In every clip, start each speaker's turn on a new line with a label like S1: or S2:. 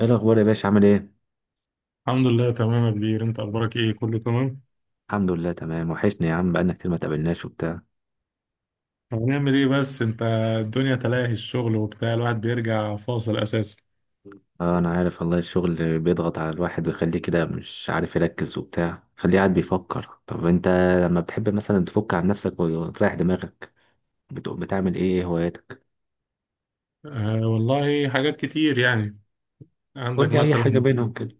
S1: ايه الاخبار يا باشا، عامل ايه؟
S2: الحمد لله تمام يا كبير، انت اخبارك ايه؟ كله تمام.
S1: الحمد لله تمام. وحشني يا عم، بقالنا كتير ما تقابلناش وبتاع.
S2: هنعمل ايه بس انت، الدنيا تلاهي الشغل وبتاع، الواحد بيرجع فاصل اساسا.
S1: اه، انا عارف والله. الشغل بيضغط على الواحد ويخليه كده مش عارف يركز وبتاع، خليه قاعد بيفكر. طب انت لما بتحب مثلا تفك عن نفسك وتريح دماغك، بتعمل ايه؟ ايه هواياتك؟
S2: أه والله حاجات كتير يعني.
S1: قول
S2: عندك
S1: لي اي حاجه
S2: مثلا
S1: بينهم كده.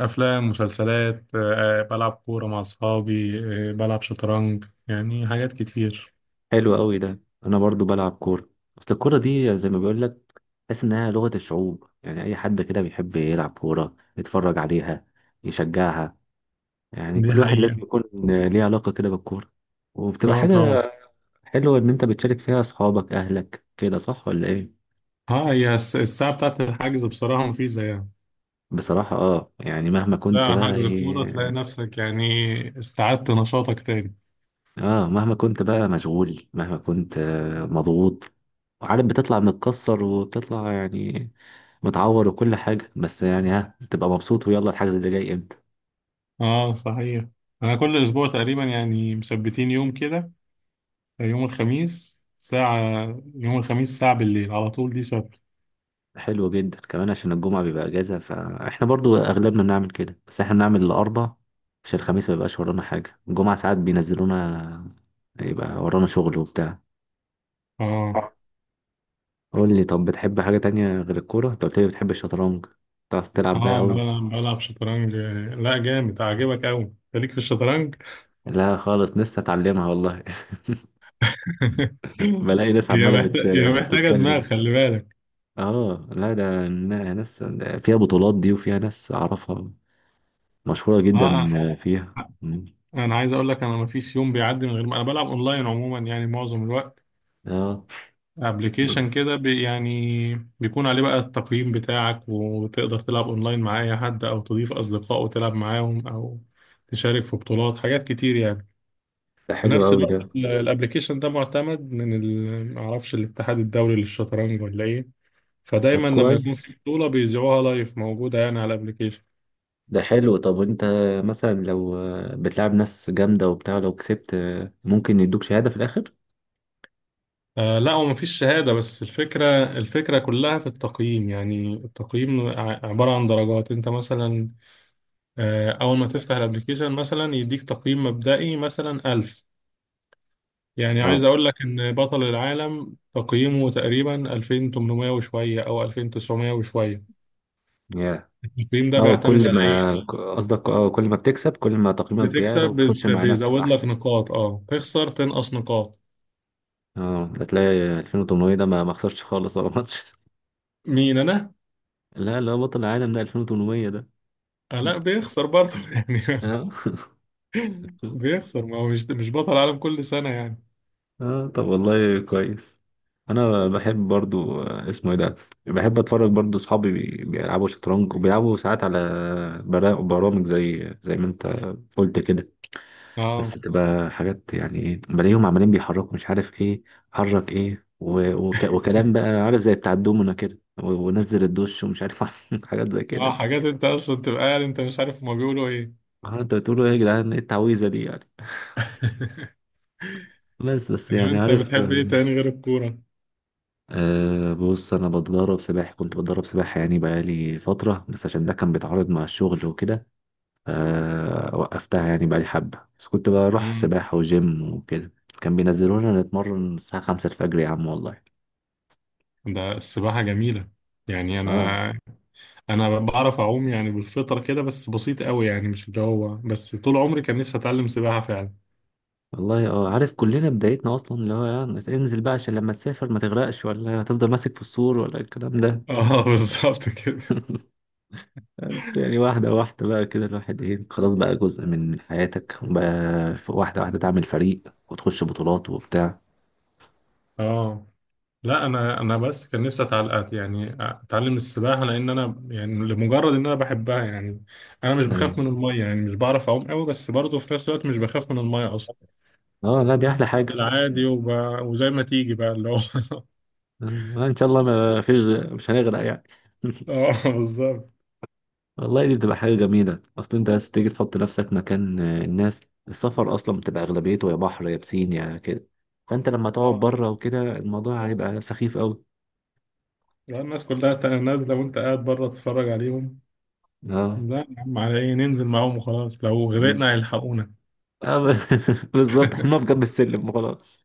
S2: افلام، مسلسلات، أه بلعب كورة مع اصحابي، أه بلعب شطرنج، يعني حاجات كتير.
S1: حلو قوي ده. انا برضو بلعب كوره. اصل الكوره دي زي ما بيقول لك، تحس انها لغه الشعوب. يعني اي حد كده بيحب يلعب كوره، يتفرج عليها، يشجعها. يعني
S2: دي
S1: كل واحد لازم
S2: حقيقة.
S1: يكون ليه علاقة كده بالكورة، وبتبقى
S2: اه
S1: حاجة
S2: طبعا.
S1: حلوة إن أنت بتشارك فيها أصحابك أهلك، كده صح ولا إيه؟
S2: اه الساعة بتاعت الحجز بصراحة مفيش زيها.
S1: بصراحة يعني مهما كنت
S2: لا
S1: بقى
S2: حجز كورة تلاقي
S1: إيه،
S2: نفسك يعني استعدت نشاطك تاني.
S1: مهما كنت بقى مشغول، مهما كنت مضغوط، وعارف بتطلع متكسر وبتطلع يعني متعور وكل حاجة، بس يعني ها بتبقى مبسوط، ويلا الحجز اللي جاي إمتى؟
S2: اه صحيح، انا كل اسبوع تقريبا يعني مثبتين يوم كده، يوم الخميس ساعة، يوم الخميس ساعة بالليل على طول، دي ثابتة.
S1: حلو جدا، كمان عشان الجمعة بيبقى اجازة فاحنا برضو اغلبنا بنعمل كده، بس احنا بنعمل الاربع عشان الخميس ما يبقاش ورانا حاجة، الجمعة ساعات بينزلونا يبقى ورانا شغل وبتاع.
S2: اه.
S1: آه. قول لي، طب بتحب حاجة تانية غير الكورة؟ انت قلت لي بتحب الشطرنج، بتعرف تلعب بقى؟ آه.
S2: اه
S1: أوي.
S2: بلعب شطرنج. لا جامد، عاجبك قوي انت، ليك في الشطرنج.
S1: لا خالص، نفسي أتعلمها والله. بلاقي ناس
S2: هي
S1: عمالة
S2: محتاجة هي محتاجة دماغ،
S1: بتتكلم
S2: خلي بالك.
S1: اه لا، ده ناس فيها بطولات دي، وفيها ناس أعرفها مشهورة جدا
S2: اه
S1: فيها.
S2: انا عايز اقول لك انا ما فيش يوم بيعدي من غير ما انا بلعب اونلاين، عموما يعني معظم الوقت.
S1: اه،
S2: ابلكيشن كده بي، يعني بيكون عليه بقى التقييم بتاعك وتقدر تلعب اونلاين مع اي حد، او تضيف اصدقاء وتلعب معاهم، او تشارك في بطولات، حاجات كتير يعني.
S1: ده
S2: في
S1: حلو
S2: نفس
S1: أوي
S2: الوقت
S1: ده.
S2: الابلكيشن ده معتمد من معرفش الاتحاد الدولي للشطرنج ولا ايه.
S1: طب
S2: فدايما لما يكون
S1: كويس.
S2: في بطولة بيذيعوها لايف، موجودة يعني على الابلكيشن.
S1: ده حلو. طب انت مثلا لو بتلعب ناس جامدة وبتاع، لو كسبت ممكن يدوك شهادة في الآخر؟
S2: آه لا، هو مفيش شهادة بس الفكرة، الفكرة كلها في التقييم. يعني التقييم عبارة عن درجات. انت مثلا أول ما تفتح الابليكيشن مثلا يديك تقييم مبدئي مثلا 1000. يعني عايز
S1: اه،
S2: أقول لك إن بطل العالم تقييمه تقريبا 2800 وشوية أو 2900 وشوية.
S1: يا.
S2: التقييم ده
S1: اه،
S2: بيعتمد
S1: كل
S2: على إيه؟
S1: ما قصدك اه، كل ما بتكسب، كل ما تقييمك بيعلى
S2: بتكسب
S1: وبتخش مع ناس
S2: بيزود لك
S1: أحسن.
S2: نقاط، أه تخسر تنقص نقاط.
S1: اه، هتلاقي 2800 ده ما خسرش خالص ولا ماتش.
S2: مين أنا؟
S1: لا لا، بطل العالم ده 2800 ده.
S2: آه لا، بيخسر برضه يعني.
S1: اه
S2: بيخسر، ما هو مش بطل العالم كل سنة يعني.
S1: اه، طب والله كويس. انا بحب برضو اسمه ايه ده. بحب اتفرج برضو، اصحابي بيلعبوا شطرنج وبيلعبوا ساعات على برامج زي ما انت قلت كده.
S2: أه.
S1: بس بتبقى حاجات، يعني ايه، بلاقيهم عمالين بيحركوا مش عارف ايه، حرك ايه وكلام بقى عارف زي بتاع الدومنا كده ونزل الدش ومش عارف. حاجات زي
S2: اه
S1: كده.
S2: حاجات انت اصلا تبقى قاعد انت مش عارف هما بيقولوا ايه.
S1: انت بتقولوا ايه يا جدعان، ايه التعويذه دي يعني. بس بس
S2: لو
S1: يعني
S2: انت
S1: عارف
S2: بتحب ايه تاني غير الكورة؟
S1: أه، بص انا بتدرب سباحه، كنت بتدرب سباحه يعني بقالي فتره، بس عشان ده كان بيتعارض مع الشغل وكده. أه، وقفتها يعني بقالي حبه، بس كنت بروح
S2: مم.
S1: سباحه وجيم وكده. كان بينزلونا نتمرن الساعه 5 الفجر يا عم، والله.
S2: ده السباحة جميلة يعني. أنا،
S1: اه
S2: أنا بعرف أعوم يعني بالفطرة كده، بس بسيط قوي، يعني مش اللي هو، بس طول عمري كان نفسي أتعلم سباحة فعلا.
S1: والله. اه عارف، كلنا بدايتنا اصلا اللي هو يعني انزل بقى عشان لما تسافر ما تغرقش، ولا هتفضل ماسك في السور ولا الكلام ده.
S2: اه بالظبط كده.
S1: بس يعني واحده واحده بقى كده، الواحد ايه، خلاص بقى جزء من حياتك وبقى واحده واحده تعمل فريق وتخش بطولات وبتاع.
S2: اه لا، أنا بس كان نفسي أتعلم، يعني أتعلم السباحة لأن أنا، يعني لمجرد إن أنا بحبها يعني. أنا مش بخاف
S1: أيوة.
S2: من المية، يعني مش بعرف أعوم قوي بس برضه في نفس الوقت مش بخاف من المية أصلا.
S1: اه لا، دي احلى
S2: بنزل
S1: حاجه.
S2: عادي وزي ما تيجي بقى اللي هو.
S1: آه، ان شاء الله ما فيش، مش هنغرق يعني.
S2: اه بالظبط.
S1: والله دي بتبقى حاجه جميله، اصل انت عايز تيجي تحط نفسك مكان الناس. السفر اصلا بتبقى اغلبيته يا بحر يا بسين يا كده، فانت لما تقعد بره وكده الموضوع هيبقى سخيف قوي.
S2: لو الناس كلها نازلة وأنت قاعد بره تتفرج عليهم،
S1: اه،
S2: لا يا عم، على إيه؟ ننزل معاهم وخلاص، لو غرقنا
S1: بز...
S2: هيلحقونا.
S1: آه، ب- بالظبط، احنا بجنب السلم وخلاص.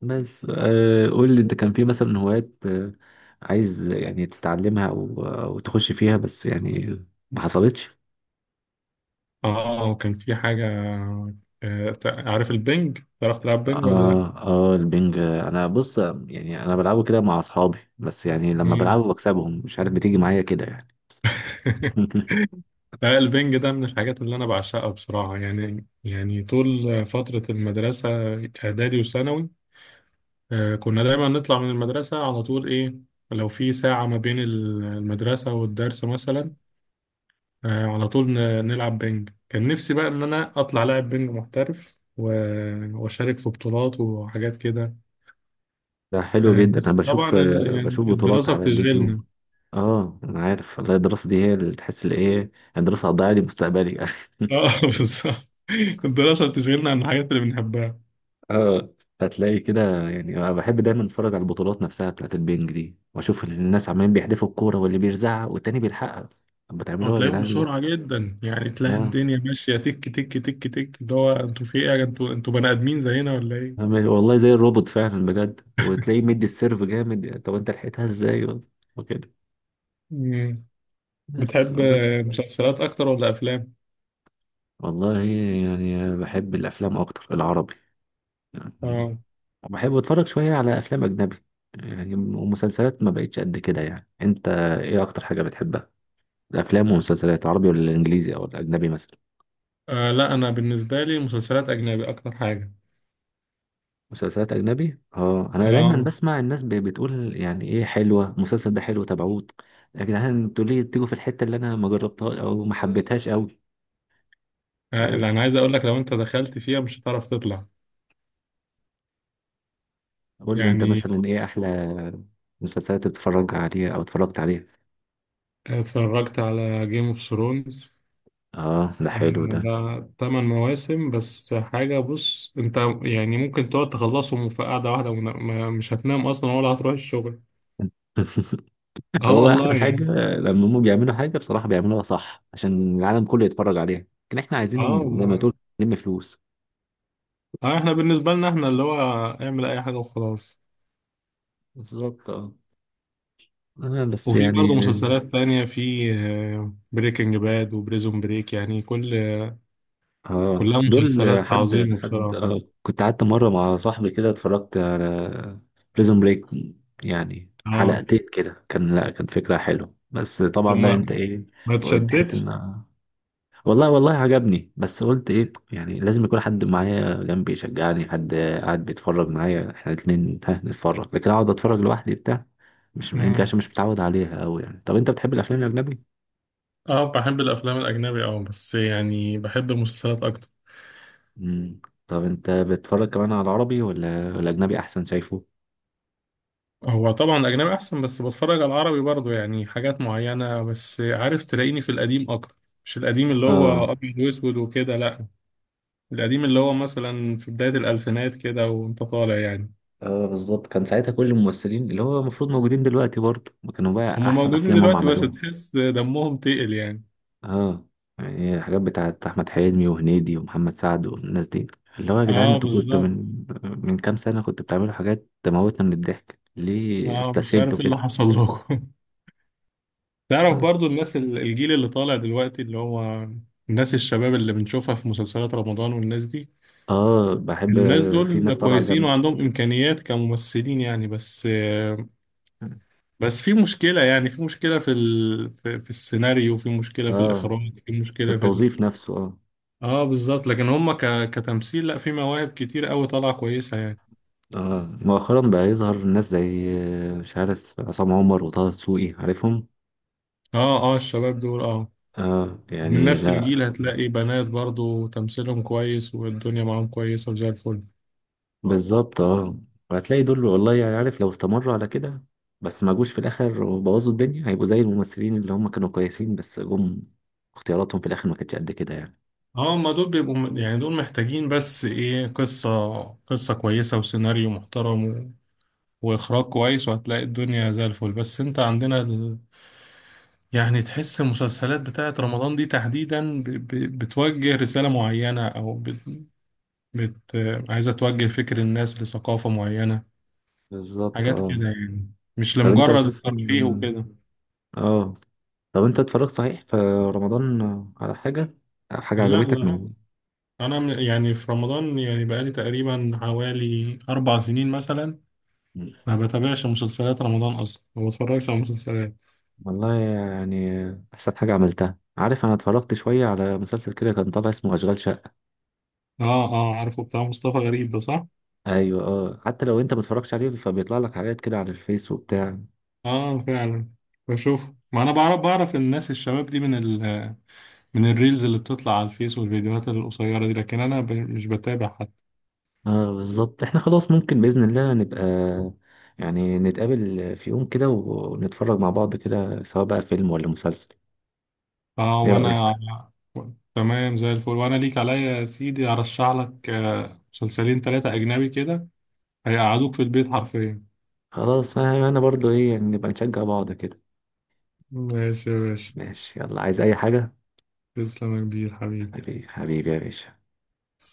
S1: بس قول لي، انت كان في مثلا هوايات عايز يعني تتعلمها او آه، أو تخش فيها، بس يعني ما حصلتش.
S2: آه، وكان في حاجة. آه، عارف البنج؟ تعرف تلعب بنج ولا لأ؟
S1: اه اه، البنج انا بص، يعني انا بلعبه كده مع اصحابي، بس يعني لما
S2: مم.
S1: بلعبه بكسبهم مش عارف بتيجي معايا كده يعني.
S2: لا، البنج ده من الحاجات اللي أنا بعشقها بصراحة. يعني يعني طول فترة المدرسة، إعدادي وثانوي، آه كنا دايما نطلع من المدرسة على طول إيه، لو في ساعة ما بين المدرسة والدرس مثلا، آه على طول نلعب بينج. كان نفسي بقى ان انا اطلع لاعب بينج محترف واشارك في بطولات وحاجات كده.
S1: ده حلو
S2: آه
S1: جدا، انا
S2: بس طبعا
S1: بشوف آه،
S2: يعني
S1: بشوف بطولات
S2: الدراسة
S1: على اليوتيوب.
S2: بتشغلنا.
S1: اه، انا عارف والله، الدراسه دي هي اللي تحس اللي ايه، الدراسه هتضيع لي مستقبلي.
S2: اه بالظبط، الدراسة بتشغلنا عن الحاجات اللي بنحبها.
S1: اه، هتلاقي كده. يعني انا بحب دايما اتفرج على البطولات نفسها بتاعت البنج دي، واشوف الناس عمالين بيحدفوا الكوره واللي بيرزعها والتاني بيلحقها. طب بتعملوا ايه يا
S2: وتلاقيهم
S1: جدعان؟
S2: بسرعة جدا، يعني تلاقي
S1: اه،
S2: الدنيا ماشية تك تك تك تك، اللي هو انتوا في ايه يا انتوا، بني ادمين زينا ولا ايه؟
S1: والله زي الروبوت فعلا بجد، وتلاقيه مدي السيرف جامد. طب انت لحقتها ازاي وكده؟
S2: مم.
S1: بس
S2: بتحب
S1: والله.
S2: آه، مسلسلات اكتر ولا افلام؟
S1: والله يعني بحب الافلام اكتر، العربي يعني.
S2: اه.
S1: بحب اتفرج شويه على افلام اجنبي يعني، ومسلسلات ما بقتش قد كده. يعني انت ايه اكتر حاجه بتحبها، الافلام والمسلسلات عربي ولا الانجليزي او الاجنبي مثلا؟
S2: آه لا انا بالنسبة لي مسلسلات اجنبي اكتر حاجة.
S1: مسلسلات اجنبي، اه انا دايما
S2: اه
S1: بسمع الناس بتقول يعني ايه، حلوه المسلسل ده، حلو تابعوه. يا جدعان انتوا ليه بتيجوا في الحته اللي انا ما جربتها او ما حبيتهاش قوي؟
S2: آه، اللي
S1: بس
S2: انا عايز اقول لك، لو انت دخلت فيها مش هتعرف تطلع
S1: قول لي انت
S2: يعني.
S1: مثلا، ايه احلى مسلسلات بتتفرج عليها او اتفرجت عليها؟
S2: اتفرجت على جيم اوف ثرونز.
S1: اه ده حلو ده.
S2: ده تمن مواسم بس حاجة، بص انت، يعني ممكن تقعد تخلصهم في قعدة واحدة مش هتنام اصلا ولا هتروح الشغل. اه
S1: هو
S2: والله
S1: احلى حاجه
S2: يعني.
S1: لما هم بيعملوا حاجه بصراحه بيعملوها صح عشان العالم كله يتفرج عليها. لكن احنا
S2: اه
S1: عايزين، زي ما
S2: والله.
S1: تقول، نلم فلوس.
S2: اه احنا بالنسبة لنا احنا اللي هو اعمل اي حاجة وخلاص.
S1: بالظبط اه. بس
S2: وفي
S1: يعني،
S2: برضه مسلسلات تانية، في بريكنج باد وبريزون بريك، يعني كل
S1: اه
S2: كلها
S1: دول.
S2: مسلسلات
S1: حد
S2: عظيمة
S1: حد
S2: بصراحة.
S1: آه كنت قعدت مره مع صاحبي كده، اتفرجت على بريزون بريك، يعني
S2: اه
S1: حلقتين كده كان، لا كان فكره حلوه، بس طبعا
S2: طب
S1: بقى
S2: ما،
S1: انت ايه،
S2: ما
S1: تحس
S2: تشدتش.
S1: ان، والله والله عجبني، بس قلت ايه يعني لازم يكون حد معايا جنبي يشجعني، حد قاعد بيتفرج معايا احنا الاتنين ها نتفرج، لكن اقعد اتفرج لوحدي بتاع، مش يمكن
S2: مم.
S1: عشان مش متعود عليها قوي يعني. طب انت بتحب الافلام الاجنبي؟
S2: اه بحب الافلام الاجنبي، اه بس يعني بحب المسلسلات اكتر.
S1: امم. طب انت بتتفرج كمان على العربي ولا الاجنبي احسن شايفه؟
S2: هو طبعا الاجنبي احسن، بس بتفرج على العربي برضو يعني حاجات معينه. بس عارف، تلاقيني في القديم اكتر، مش القديم اللي هو
S1: اه
S2: ابيض واسود وكده لا، القديم اللي هو مثلا في بدايه الالفينات كده وانت طالع يعني.
S1: اه بالظبط، كان ساعتها كل الممثلين اللي هو المفروض موجودين دلوقتي برضه، ما كانوا بقى
S2: هم
S1: احسن
S2: موجودين
S1: افلامهم
S2: دلوقتي بس
S1: عملوها.
S2: تحس دمهم تقل يعني.
S1: اه يعني، الحاجات بتاعت احمد حلمي وهنيدي ومحمد سعد والناس دي، اللي هو يا جدعان
S2: اه
S1: انتوا كنتوا
S2: بالظبط،
S1: من كام سنه كنتوا بتعملوا حاجات تموتنا من الضحك، ليه
S2: اه مش
S1: استسهلتوا
S2: عارف ايه
S1: كده؟
S2: اللي حصل لكم. تعرف
S1: بس.
S2: برضو الناس الجيل اللي طالع دلوقتي، اللي هو الناس الشباب اللي بنشوفها في مسلسلات رمضان والناس دي.
S1: اه، بحب.
S2: الناس
S1: في
S2: دول
S1: ناس طالعه
S2: كويسين
S1: جامده.
S2: وعندهم إمكانيات كممثلين يعني، بس بس في مشكلة، يعني في مشكلة في في السيناريو، في مشكلة في
S1: اه،
S2: الإخراج، في
S1: في
S2: مشكلة في ال...
S1: التوظيف نفسه، اه.
S2: اه بالظبط. لكن هم ك... كتمثيل لا، في مواهب كتير قوي طالعة كويسة يعني.
S1: اه مؤخرا بقى يظهر ناس زي مش عارف، عصام عمر وطه دسوقي، عارفهم.
S2: اه، اه الشباب دول اه
S1: اه
S2: من
S1: يعني
S2: نفس
S1: لا.
S2: الجيل، هتلاقي بنات برضو تمثيلهم كويس والدنيا معاهم كويسة وزي الفل.
S1: بالظبط اه. وهتلاقي دول والله، يعني عارف لو استمروا على كده، بس ما جوش في الاخر وبوظوا الدنيا، هيبقوا زي الممثلين اللي هم كانوا كويسين بس جم اختياراتهم في الاخر ما كانتش قد كده يعني.
S2: اه ما دول بيبقوا يعني، دول محتاجين بس ايه، قصة، قصة كويسة وسيناريو محترم واخراج كويس، وهتلاقي الدنيا زي الفل. بس انت عندنا ال... يعني تحس المسلسلات بتاعت رمضان دي تحديدا ب... ب... بتوجه رسالة معينة، او بت... بت... عايزة توجه فكر الناس لثقافة معينة،
S1: بالظبط
S2: حاجات كده
S1: اه.
S2: يعني، مش
S1: طب انت
S2: لمجرد
S1: اساسا،
S2: الترفيه وكده.
S1: اه، طب انت اتفرجت صحيح في رمضان على حاجة، حاجة
S2: لا
S1: عجبتك
S2: لا
S1: من.
S2: انا يعني في رمضان، يعني بقالي تقريبا حوالي 4 سنين مثلا
S1: مم.
S2: ما بتابعش مسلسلات رمضان اصلا، ما بتفرجش على مسلسلات.
S1: والله يعني، احسن حاجة عملتها، عارف انا اتفرجت شوية على مسلسل كده كان طالع اسمه اشغال شقة.
S2: اه اه، عارفه، بتاع مصطفى غريب ده صح.
S1: ايوه اه، حتى لو انت ما اتفرجتش عليه فبيطلع لك حاجات كده على الفيس وبتاع.
S2: اه فعلا، بشوف، ما انا بعرف، بعرف الناس الشباب دي من من الريلز اللي بتطلع على الفيس والفيديوهات القصيرة دي، لكن انا ب... مش بتابع حد.
S1: اه بالظبط، احنا خلاص ممكن بإذن الله نبقى، يعني نتقابل في يوم كده ونتفرج مع بعض كده، سواء بقى فيلم ولا مسلسل.
S2: اه
S1: ايه رأيك؟
S2: وانا تمام زي الفل، وانا ليك عليا يا سيدي ارشح لك آه، مسلسلين ثلاثة اجنبي كده هيقعدوك في البيت حرفيا.
S1: خلاص. أنا برضو ايه يعني، نبقى نشجع بعض كده.
S2: ماشي يا باشا،
S1: ماشي، يلا، عايز اي حاجة؟
S2: تسلم يا كبير حبيبي.
S1: حبيبي حبيبي يا باشا.